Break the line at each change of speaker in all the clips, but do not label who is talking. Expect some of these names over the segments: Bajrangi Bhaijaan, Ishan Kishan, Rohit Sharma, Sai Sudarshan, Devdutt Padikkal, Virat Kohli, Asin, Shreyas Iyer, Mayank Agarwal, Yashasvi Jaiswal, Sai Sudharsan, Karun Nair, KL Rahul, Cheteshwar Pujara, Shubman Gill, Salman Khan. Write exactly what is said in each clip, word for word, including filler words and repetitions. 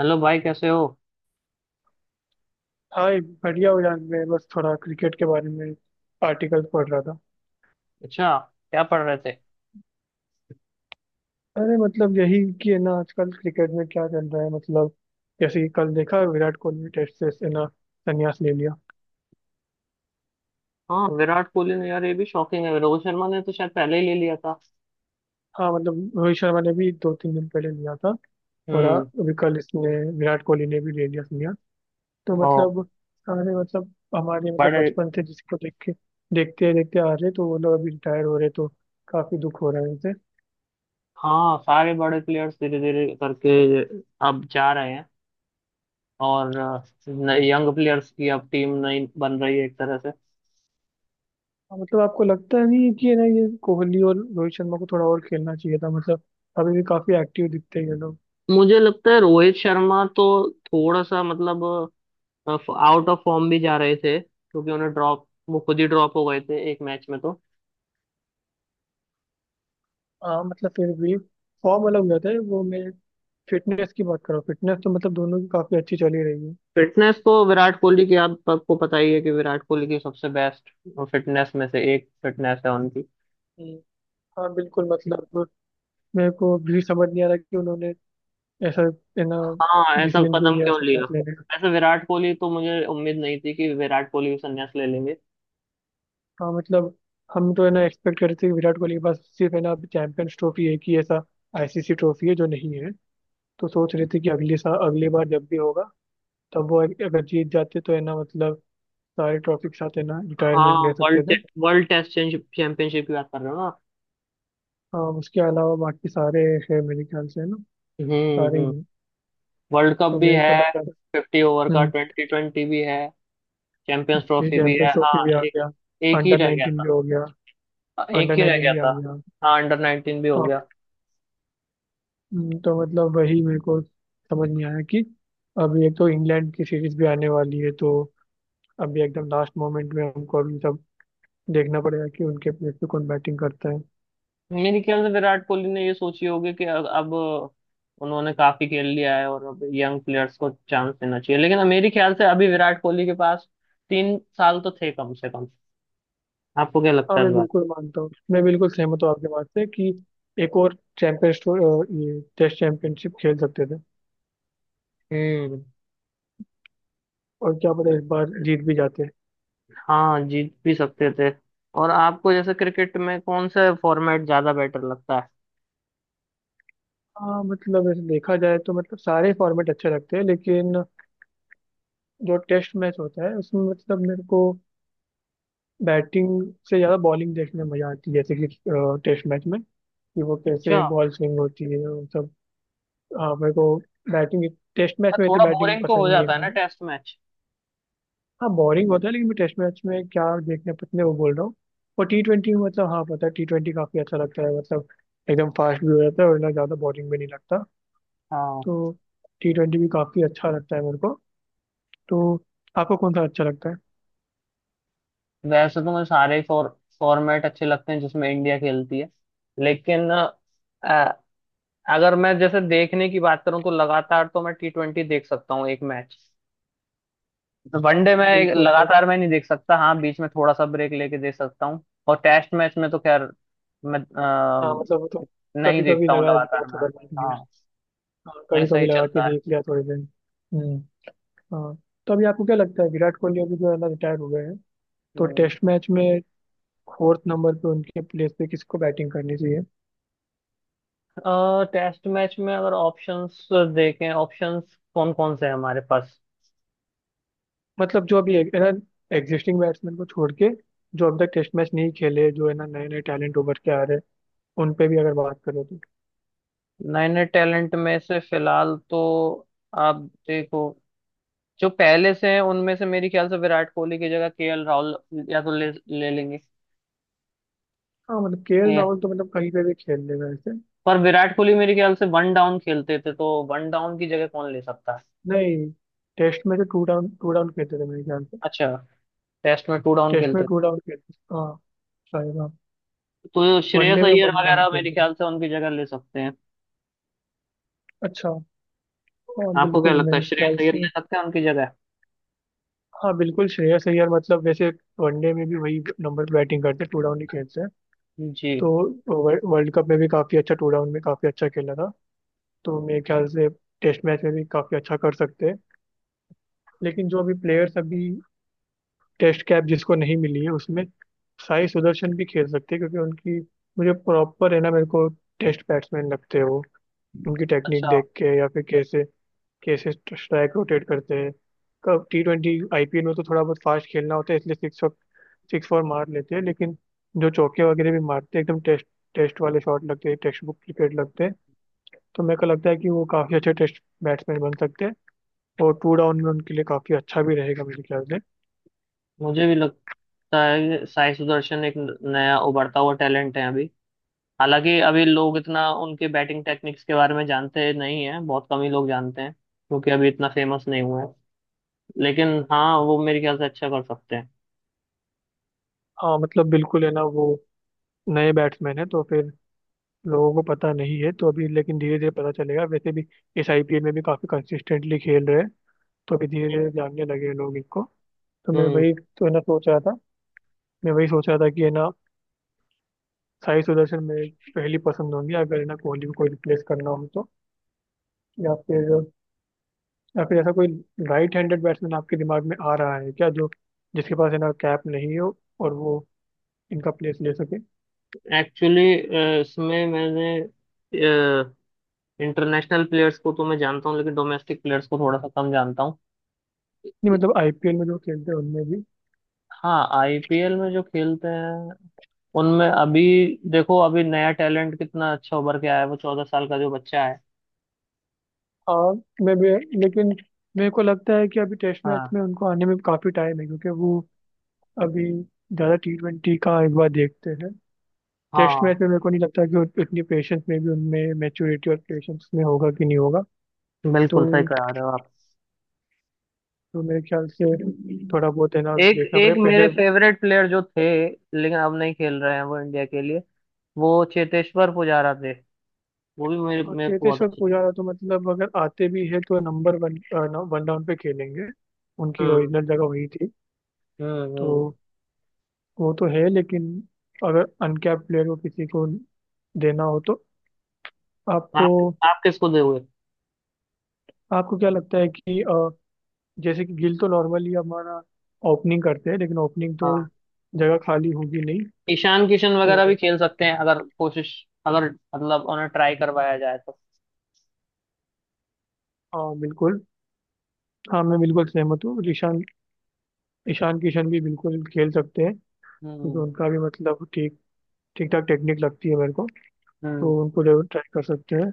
Hello भाई कैसे हो।
हाँ, एक बढ़िया हो जान। मैं बस थोड़ा क्रिकेट के बारे में आर्टिकल पढ़ रहा था।
अच्छा। क्या पढ़ रहे थे।
अरे, मतलब यही कि है ना आजकल क्रिकेट में क्या चल रहा है। मतलब जैसे कि कल देखा, विराट कोहली ने टेस्ट से है ना संन्यास ले लिया।
हाँ विराट कोहली ने यार ये भी शॉकिंग है। रोहित शर्मा ने तो शायद पहले ही ले लिया था।
हाँ, मतलब रोहित शर्मा ने भी दो तीन दिन पहले लिया था। और आ-
हम्म।
अभी कल इसने, विराट कोहली ने भी ले लिया संन्यास। तो
ओ।
मतलब सारे, मतलब हमारे, मतलब
बड़े।
बचपन से जिसको देख के देखते देखते आ रहे, तो वो लोग अभी रिटायर हो रहे, तो काफी दुख हो रहा है उनसे।
हाँ सारे बड़े प्लेयर्स धीरे धीरे करके अब जा रहे हैं। और यंग प्लेयर्स की अब टीम नई बन रही है एक तरह से।
हाँ, मतलब आपको लगता नहीं है कि है ना ये कोहली और रोहित शर्मा को थोड़ा और खेलना चाहिए था। मतलब अभी भी काफी एक्टिव दिखते हैं ये लोग।
मुझे लगता है रोहित शर्मा तो थोड़ा सा मतलब आउट ऑफ फॉर्म भी जा रहे थे क्योंकि उन्हें ड्रॉप वो खुद ही ड्रॉप हो गए थे एक मैच में तो।
हाँ, मतलब फिर भी फॉर्म अलग हो जाता है। वो मैं फिटनेस की बात कर रहा हूँ। फिटनेस तो मतलब दोनों की काफी अच्छी चली रही है।
फिटनेस तो विराट कोहली की आप सबको पता ही है कि विराट कोहली की सबसे बेस्ट फिटनेस में से एक फिटनेस है उनकी।
हम्म, हाँ बिल्कुल। मतलब मेरे को भी समझ नहीं आ रहा कि उन्होंने ऐसा, है ना,
हाँ ऐसा
डिसीजन
कदम
क्यों लिया,
क्यों
ऐसे
लिया।
क्लास लेने का।
वैसे विराट कोहली तो मुझे उम्मीद नहीं थी कि विराट कोहली भी संन्यास ले लेंगे।
हाँ, मतलब हम तो है ना एक्सपेक्ट करते थे कि विराट कोहली के पास सिर्फ है ना चैंपियंस ट्रॉफी है कि ऐसा आईसीसी ट्रॉफी है जो नहीं है। तो सोच रहे थे कि अगले साल अगली बार जब भी होगा, तब वो अगर जीत जाते तो है ना मतलब सारे ट्रॉफी के साथ है ना
हाँ।
रिटायरमेंट ले सकते
वर्ल्ड
थे।
वर्ल्ड टेस्ट चैंपियनशिप की बात कर रहे हो ना।
आ, उसके अलावा बाकी सारे है मेरे ख्याल से है ना
हम्म
सारे ही
हम्म।
हैं।
वर्ल्ड कप
तो
भी
मेरे को लग
है।
रहा था।
फिफ्टी ओवर का
हम्म,
ट्वेंटी ट्वेंटी भी है। चैंपियंस
ये
ट्रॉफी भी
चैंपियंस
है।
ट्रॉफी
हाँ
भी आ
एक
गया,
एक ही
अंडर
रह गया
नाइनटीन भी
था।
हो गया,
हाँ, एक
अंडर
ही रह
नाइनटीन
गया
भी
था।
आ गया।
हाँ अंडर नाइनटीन भी हो
हाँ,
गया।
हम्म, तो मतलब वही मेरे को समझ नहीं आया कि अभी एक तो इंग्लैंड की सीरीज भी आने वाली है। तो अभी एकदम लास्ट मोमेंट में हमको अभी सब देखना पड़ेगा कि उनके प्लेस पे कौन बैटिंग करता है।
मेरे ख्याल से विराट कोहली ने ये सोची होगी कि अब अब उन्होंने काफी खेल लिया है और अब यंग प्लेयर्स को चांस देना चाहिए। लेकिन मेरे ख्याल से अभी विराट कोहली के पास तीन साल तो थे कम से कम। आपको क्या
हाँ,
लगता है
मैं
इस बात।
बिल्कुल मानता हूँ, मैं बिल्कुल सहमत हूँ आपकी बात से कि एक और चैंपियन ये टेस्ट चैंपियनशिप खेल सकते थे।
हम्म।
और क्या पता इस बार जीत भी जाते।
हाँ जीत भी सकते थे। और आपको जैसे क्रिकेट में कौन सा फॉर्मेट ज्यादा बेटर लगता है।
हाँ, मतलब ऐसे देखा जाए तो मतलब सारे फॉर्मेट अच्छे लगते हैं, लेकिन जो टेस्ट मैच होता है उसमें मतलब मेरे को बैटिंग से ज़्यादा बॉलिंग देखने में मजा आती है। जैसे कि टेस्ट मैच में, कि वो
अच्छा।
कैसे बॉल स्विंग होती है वो सब। हाँ, मेरे को बैटिंग, टेस्ट मैच
पर
में इतनी
थोड़ा
बैटिंग
बोरिंग तो
पसंद
हो
नहीं है।
जाता है ना टेस्ट मैच।
हाँ, बोरिंग होता है, लेकिन मैं टेस्ट मैच में क्या देखने पतने वो बोल रहा हूँ। और टी ट्वेंटी, मतलब हाँ, पता है, टी ट्वेंटी काफ़ी अच्छा लगता है। मतलब एकदम फास्ट भी हो जाता है और ना ज़्यादा बोरिंग भी नहीं लगता।
हाँ।
तो टी ट्वेंटी भी काफ़ी अच्छा लगता है मेरे को। तो आपको कौन सा अच्छा लगता है?
वैसे तो मुझे सारे फॉर फॉर्मेट अच्छे लगते हैं जिसमें इंडिया खेलती है। लेकिन अगर मैं जैसे देखने की बात करूं तो लगातार तो मैं टी ट्वेंटी देख सकता हूँ एक मैच।
हाँ,
वनडे में एक-
बिल्कुल, बस।
लगातार मैं नहीं देख सकता। हाँ बीच में थोड़ा सा ब्रेक लेके देख सकता हूँ। और टेस्ट मैच में तो खैर मैं
हाँ, मतलब वो
अ,
तो
नहीं
कभी कभी
देखता हूँ
लगा दिया,
लगातार मैं।
थोड़ा देख लिया।
हाँ
हाँ, कभी
ऐसा
कभी
ही
लगा के
चलता है।
देख लिया थोड़ी देर। हम्म, हाँ। तो अभी आपको क्या लगता है, विराट कोहली अभी जो है ना रिटायर हो गए हैं, तो
हम्म।
टेस्ट मैच में फोर्थ नंबर पे उनके प्लेस पे किसको बैटिंग करनी चाहिए?
टेस्ट मैच में अगर ऑप्शंस देखें। ऑप्शंस कौन कौन से हैं हमारे पास।
मतलब जो अभी है ना एग्जिस्टिंग बैट्समैन को छोड़ के, जो अब तक टेस्ट मैच नहीं खेले, जो है ना नए नए टैलेंट उभर के आ रहे हैं, उन पे भी अगर बात करो तो।
नए नए टैलेंट में से फिलहाल तो आप देखो। जो पहले से हैं उनमें से मेरे ख्याल से विराट कोहली की जगह के एल राहुल या तो ले ले लेंगे।
हाँ, मतलब केएल
ये
राहुल तो मतलब कहीं पे भी खेल लेगा ऐसे।
पर विराट कोहली मेरे ख्याल से वन डाउन खेलते थे तो वन डाउन की जगह कौन ले सकता है।
नहीं, टेस्ट में तो टू डाउन टू डाउन खेलते थे मेरे ख्याल से।
अच्छा। टेस्ट में टू डाउन
टेस्ट में
खेलते थे।
टू डाउन खेलते थे हाँ, शायद हाँ।
तो श्रेयस
वनडे में
अय्यर
वन डाउन
वगैरह मेरे
खेलते थे।
ख्याल से उनकी जगह ले सकते हैं।
अच्छा, हाँ
आपको क्या
बिल्कुल
लगता है
मेरे
श्रेयस
ख्याल
अय्यर
से।
ले सकते हैं उनकी जगह।
हाँ बिल्कुल, श्रेयस अय्यर। मतलब वैसे वनडे में भी वही नंबर बैटिंग करते हैं, टू डाउन ही खेलते हैं। तो
जी।
वर्ल्ड कप में भी काफी अच्छा, टू डाउन में काफी अच्छा खेला था। तो मेरे ख्याल से टेस्ट मैच में भी काफ़ी अच्छा कर सकते हैं। लेकिन जो अभी प्लेयर्स अभी टेस्ट कैप जिसको नहीं मिली है उसमें, साई सुदर्शन भी खेल सकते हैं क्योंकि उनकी, मुझे प्रॉपर है ना, मेरे को टेस्ट बैट्समैन लगते हैं वो। उनकी टेक्निक
अच्छा।
देख के, या फिर कैसे कैसे स्ट्राइक रोटेट करते हैं। कब टी ट्वेंटी आईपीएल में तो थोड़ा बहुत फास्ट खेलना होता है, इसलिए सिक्स सिक्स फोर मार लेते हैं, लेकिन जो चौके वगैरह भी मारते हैं एकदम टेस्ट टेस्ट वाले शॉट लगते हैं, टेक्स्ट बुक क्रिकेट लगते हैं। तो मेरे को लगता है कि वो काफ़ी अच्छे टेस्ट बैट्समैन बन सकते हैं। और टू डाउन में उनके लिए काफी अच्छा भी रहेगा मेरे ख्याल से।
मुझे भी लगता है कि साई सुदर्शन एक नया उभरता हुआ टैलेंट है अभी। हालांकि अभी लोग इतना उनके बैटिंग टेक्निक्स के बारे में जानते नहीं हैं। बहुत कम ही लोग जानते हैं क्योंकि अभी इतना फेमस नहीं हुए हैं। लेकिन हाँ वो मेरे ख्याल से अच्छा कर सकते हैं।
हाँ, मतलब बिल्कुल है ना, वो नए बैट्समैन है तो फिर लोगों को पता नहीं है तो अभी। लेकिन धीरे धीरे पता चलेगा, वैसे भी इस आईपीएल में भी काफी कंसिस्टेंटली खेल रहे हैं, तो अभी धीरे धीरे जानने लगे हैं लोग इनको। तो मैं
हम्म।
वही तो है ना सोच रहा था। मैं वही सोच रहा था कि है ना, साई सुदर्शन मेरी पहली पसंद होंगी अगर है ना कोहली को कोई रिप्लेस करना हो तो। या फिर या फिर ऐसा कोई राइट हैंडेड बैट्समैन आपके दिमाग में आ रहा है क्या, जो जिसके पास है ना कैप नहीं हो और वो इनका प्लेस ले सके?
एक्चुअली इसमें मैंने इंटरनेशनल प्लेयर्स को तो मैं जानता हूँ लेकिन डोमेस्टिक प्लेयर्स को थोड़ा सा कम जानता हूँ।
नहीं मतलब आईपीएल में जो खेलते हैं उनमें भी।
हाँ आई पी एल में जो खेलते हैं उनमें अभी देखो। अभी नया टैलेंट कितना अच्छा उभर के आया है वो चौदह साल का जो बच्चा है।
हाँ, मैं भी, लेकिन मेरे को लगता है कि अभी टेस्ट मैच
हाँ।
में उनको आने में काफ़ी टाइम है, क्योंकि वो अभी ज़्यादा टी ट्वेंटी का एक बार देखते हैं। टेस्ट
हाँ
मैच में मेरे को नहीं लगता कि उत- उतनी पेशेंस में भी, उनमें मैच्योरिटी और पेशेंस में होगा कि नहीं होगा। तो
बिल्कुल सही कह रहे हो।
तो मेरे ख्याल से थोड़ा
आप
बहुत है ना
एक
देखना
एक
पड़ेगा
मेरे
पहले।
फेवरेट प्लेयर जो थे लेकिन अब नहीं खेल रहे हैं वो इंडिया के लिए वो चेतेश्वर पुजारा थे। वो भी मेरे
हाँ,
मेरे को बहुत
चेतेश्वर
अच्छे
पुजारा तो मतलब अगर आते भी है तो नंबर वन, वन डाउन पे खेलेंगे।
लगते
उनकी
हैं। हम्म
ओरिजिनल जगह वही थी।
हम्म
तो
हम्म।
वो तो है, लेकिन अगर अनकैप्ड प्लेयर को किसी को देना हो तो, आपको
आप आप किसको दोगे।
आपको क्या लगता है कि अ, जैसे कि गिल तो नॉर्मली हमारा ओपनिंग करते हैं, लेकिन ओपनिंग तो
हाँ
जगह खाली होगी नहीं।
ईशान किशन वगैरह भी
तो
खेल सकते हैं अगर कोशिश। अगर मतलब उन्हें ट्राई करवाया जाए तो।
हाँ, बिल्कुल। हाँ, मैं बिल्कुल सहमत हूँ, ईशान ईशान किशन भी बिल्कुल खेल सकते हैं, क्योंकि
हम्म
उनका भी मतलब ठीक ठीक ठाक टेक्निक लगती है मेरे को।
हम्म
तो उनको जरूर ट्राई कर सकते हैं।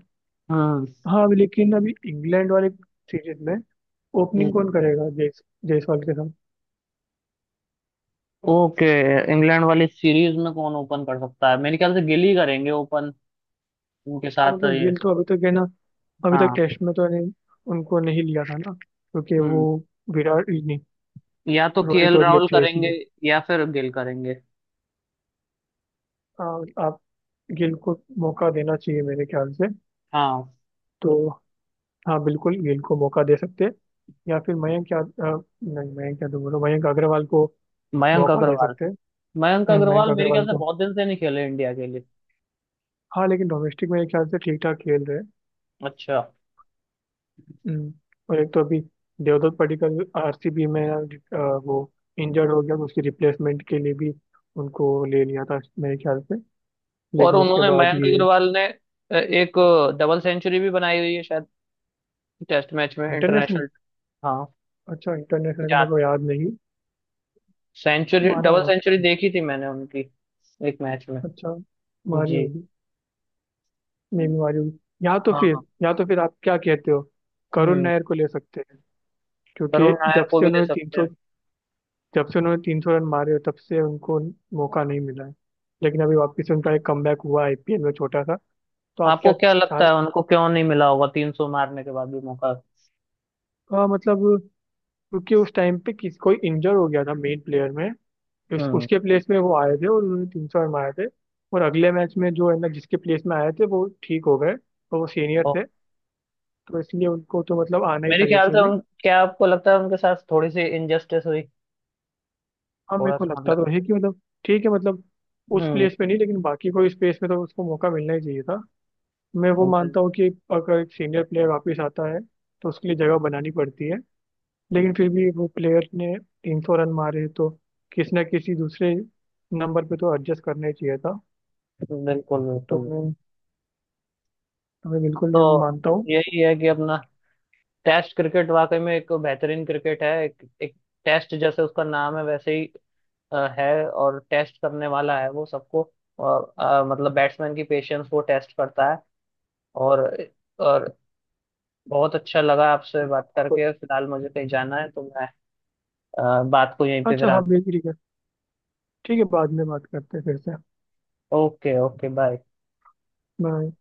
हम्म।
हाँ, लेकिन अभी इंग्लैंड वाले सीरीज में ओपनिंग कौन करेगा, जयस जायसवाल के साथ?
ओके। इंग्लैंड वाली सीरीज में कौन ओपन कर सकता है मेरे ख्याल से गिल ही करेंगे ओपन। उनके
हाँ,
साथ
मतलब
ये।
गिल तो अभी तक है ना, अभी तक
हाँ।
टेस्ट में तो नहीं, उनको नहीं लिया था ना, क्योंकि वो
हम्म।
विराट ही नहीं,
या तो
रोहित
केएल
और ये
राहुल
थे
करेंगे
इसलिए।
या फिर गिल करेंगे।
आ, आप, गिल को मौका देना चाहिए मेरे ख्याल से।
हाँ
तो हाँ, बिल्कुल गिल को मौका दे सकते हैं। या फिर मयंक, या अ, नहीं मयंक क्या तो बोलो, मयंक अग्रवाल को
मयंक
मौका दे
अग्रवाल।
सकते हैं।
मयंक
हम्म, मयंक
अग्रवाल मेरे
अग्रवाल
ख्याल से
को।
बहुत दिन से नहीं खेले इंडिया के लिए।
हाँ, लेकिन डोमेस्टिक में मेरे ख्याल से ठीक ठाक खेल रहे हैं।
अच्छा।
हम्म, और एक तो अभी देवदत्त पडिक्कल आरसीबी में, अ, वो इंजर्ड हो गया तो उसकी रिप्लेसमेंट के लिए भी उनको ले लिया था मेरे ख्याल से।
और
लेकिन उसके
उन्होंने
बाद
मयंक
ये।
अग्रवाल ने अ, एक डबल सेंचुरी भी बनाई हुई है शायद टेस्ट मैच में।
International,
international. हाँ।
अच्छा इंटरनेशनल का
या
मेरे को याद नहीं।
सेंचुरी
मारा
डबल
होगा, पता
सेंचुरी
नहीं।
देखी थी मैंने उनकी एक मैच में।
अच्छा, मारी
जी।
होगी। मे भी मारी होगी। या तो
हाँ।
फिर, या तो फिर आप क्या कहते हो, करुण
हम्म।
नायर को ले सकते हैं। क्योंकि
करुण नायर
जब
को
से
भी ले
उन्होंने तीन
सकते
सौ
हैं।
जब से उन्होंने तीन सौ रन मारे हो, तब से उनको मौका नहीं मिला है। लेकिन अभी वापस से उनका एक कमबैक हुआ आईपीएल में, छोटा सा। तो आप
आपको
क्या
क्या लगता
चाह
है उनको क्यों नहीं मिला होगा तीन सौ मारने के बाद भी मौका।
हाँ, मतलब क्योंकि उस टाइम पे किस कोई इंजर हो गया था मेन प्लेयर में। उस,
हम्म।
उसके प्लेस में वो आए थे और उन्होंने तीन सौ रन मारे थे। और अगले मैच में जो है ना जिसके प्लेस में आए थे वो ठीक हो गए और वो सीनियर
ओ,
थे। तो इसलिए उनको तो मतलब आना ही
मेरे
था
ख्याल
जैसे
से
भी।
उन क्या आपको लगता है उनके साथ थोड़ी सी इनजस्टिस हुई।
हाँ, मेरे
थोड़ा
को
सा
लगता
मतलब।
तो है कि मतलब ठीक है, मतलब उस
हम्म।
प्लेस पे नहीं, लेकिन बाकी कोई स्पेस में तो उसको मौका मिलना ही चाहिए था। मैं वो
बिल्कुल
मानता हूँ कि अगर एक सीनियर प्लेयर वापस आता है तो उसके लिए जगह बनानी पड़ती है, लेकिन फिर भी वो प्लेयर ने तीन सौ रन मारे तो किसी ना किसी दूसरे नंबर पे तो एडजस्ट करना ही चाहिए था।
बिल्कुल।
तो
बिल्कुल
मैं तो मैं बिल्कुल
तो
ये मानता हूँ।
यही है कि अपना टेस्ट क्रिकेट वाकई में एक बेहतरीन क्रिकेट है। एक, एक टेस्ट जैसे उसका नाम है वैसे ही अ, है और टेस्ट करने वाला है वो सबको। और अ, मतलब बैट्समैन की पेशेंस वो टेस्ट करता है। और और बहुत अच्छा लगा आपसे बात करके। फिलहाल मुझे कहीं जाना है तो मैं अ, बात को यहीं पे
अच्छा हाँ,
विराम।
बिल्कुल ठीक है। ठीक है, बाद में बात करते हैं फिर से।
Okay okay bye.
बाय।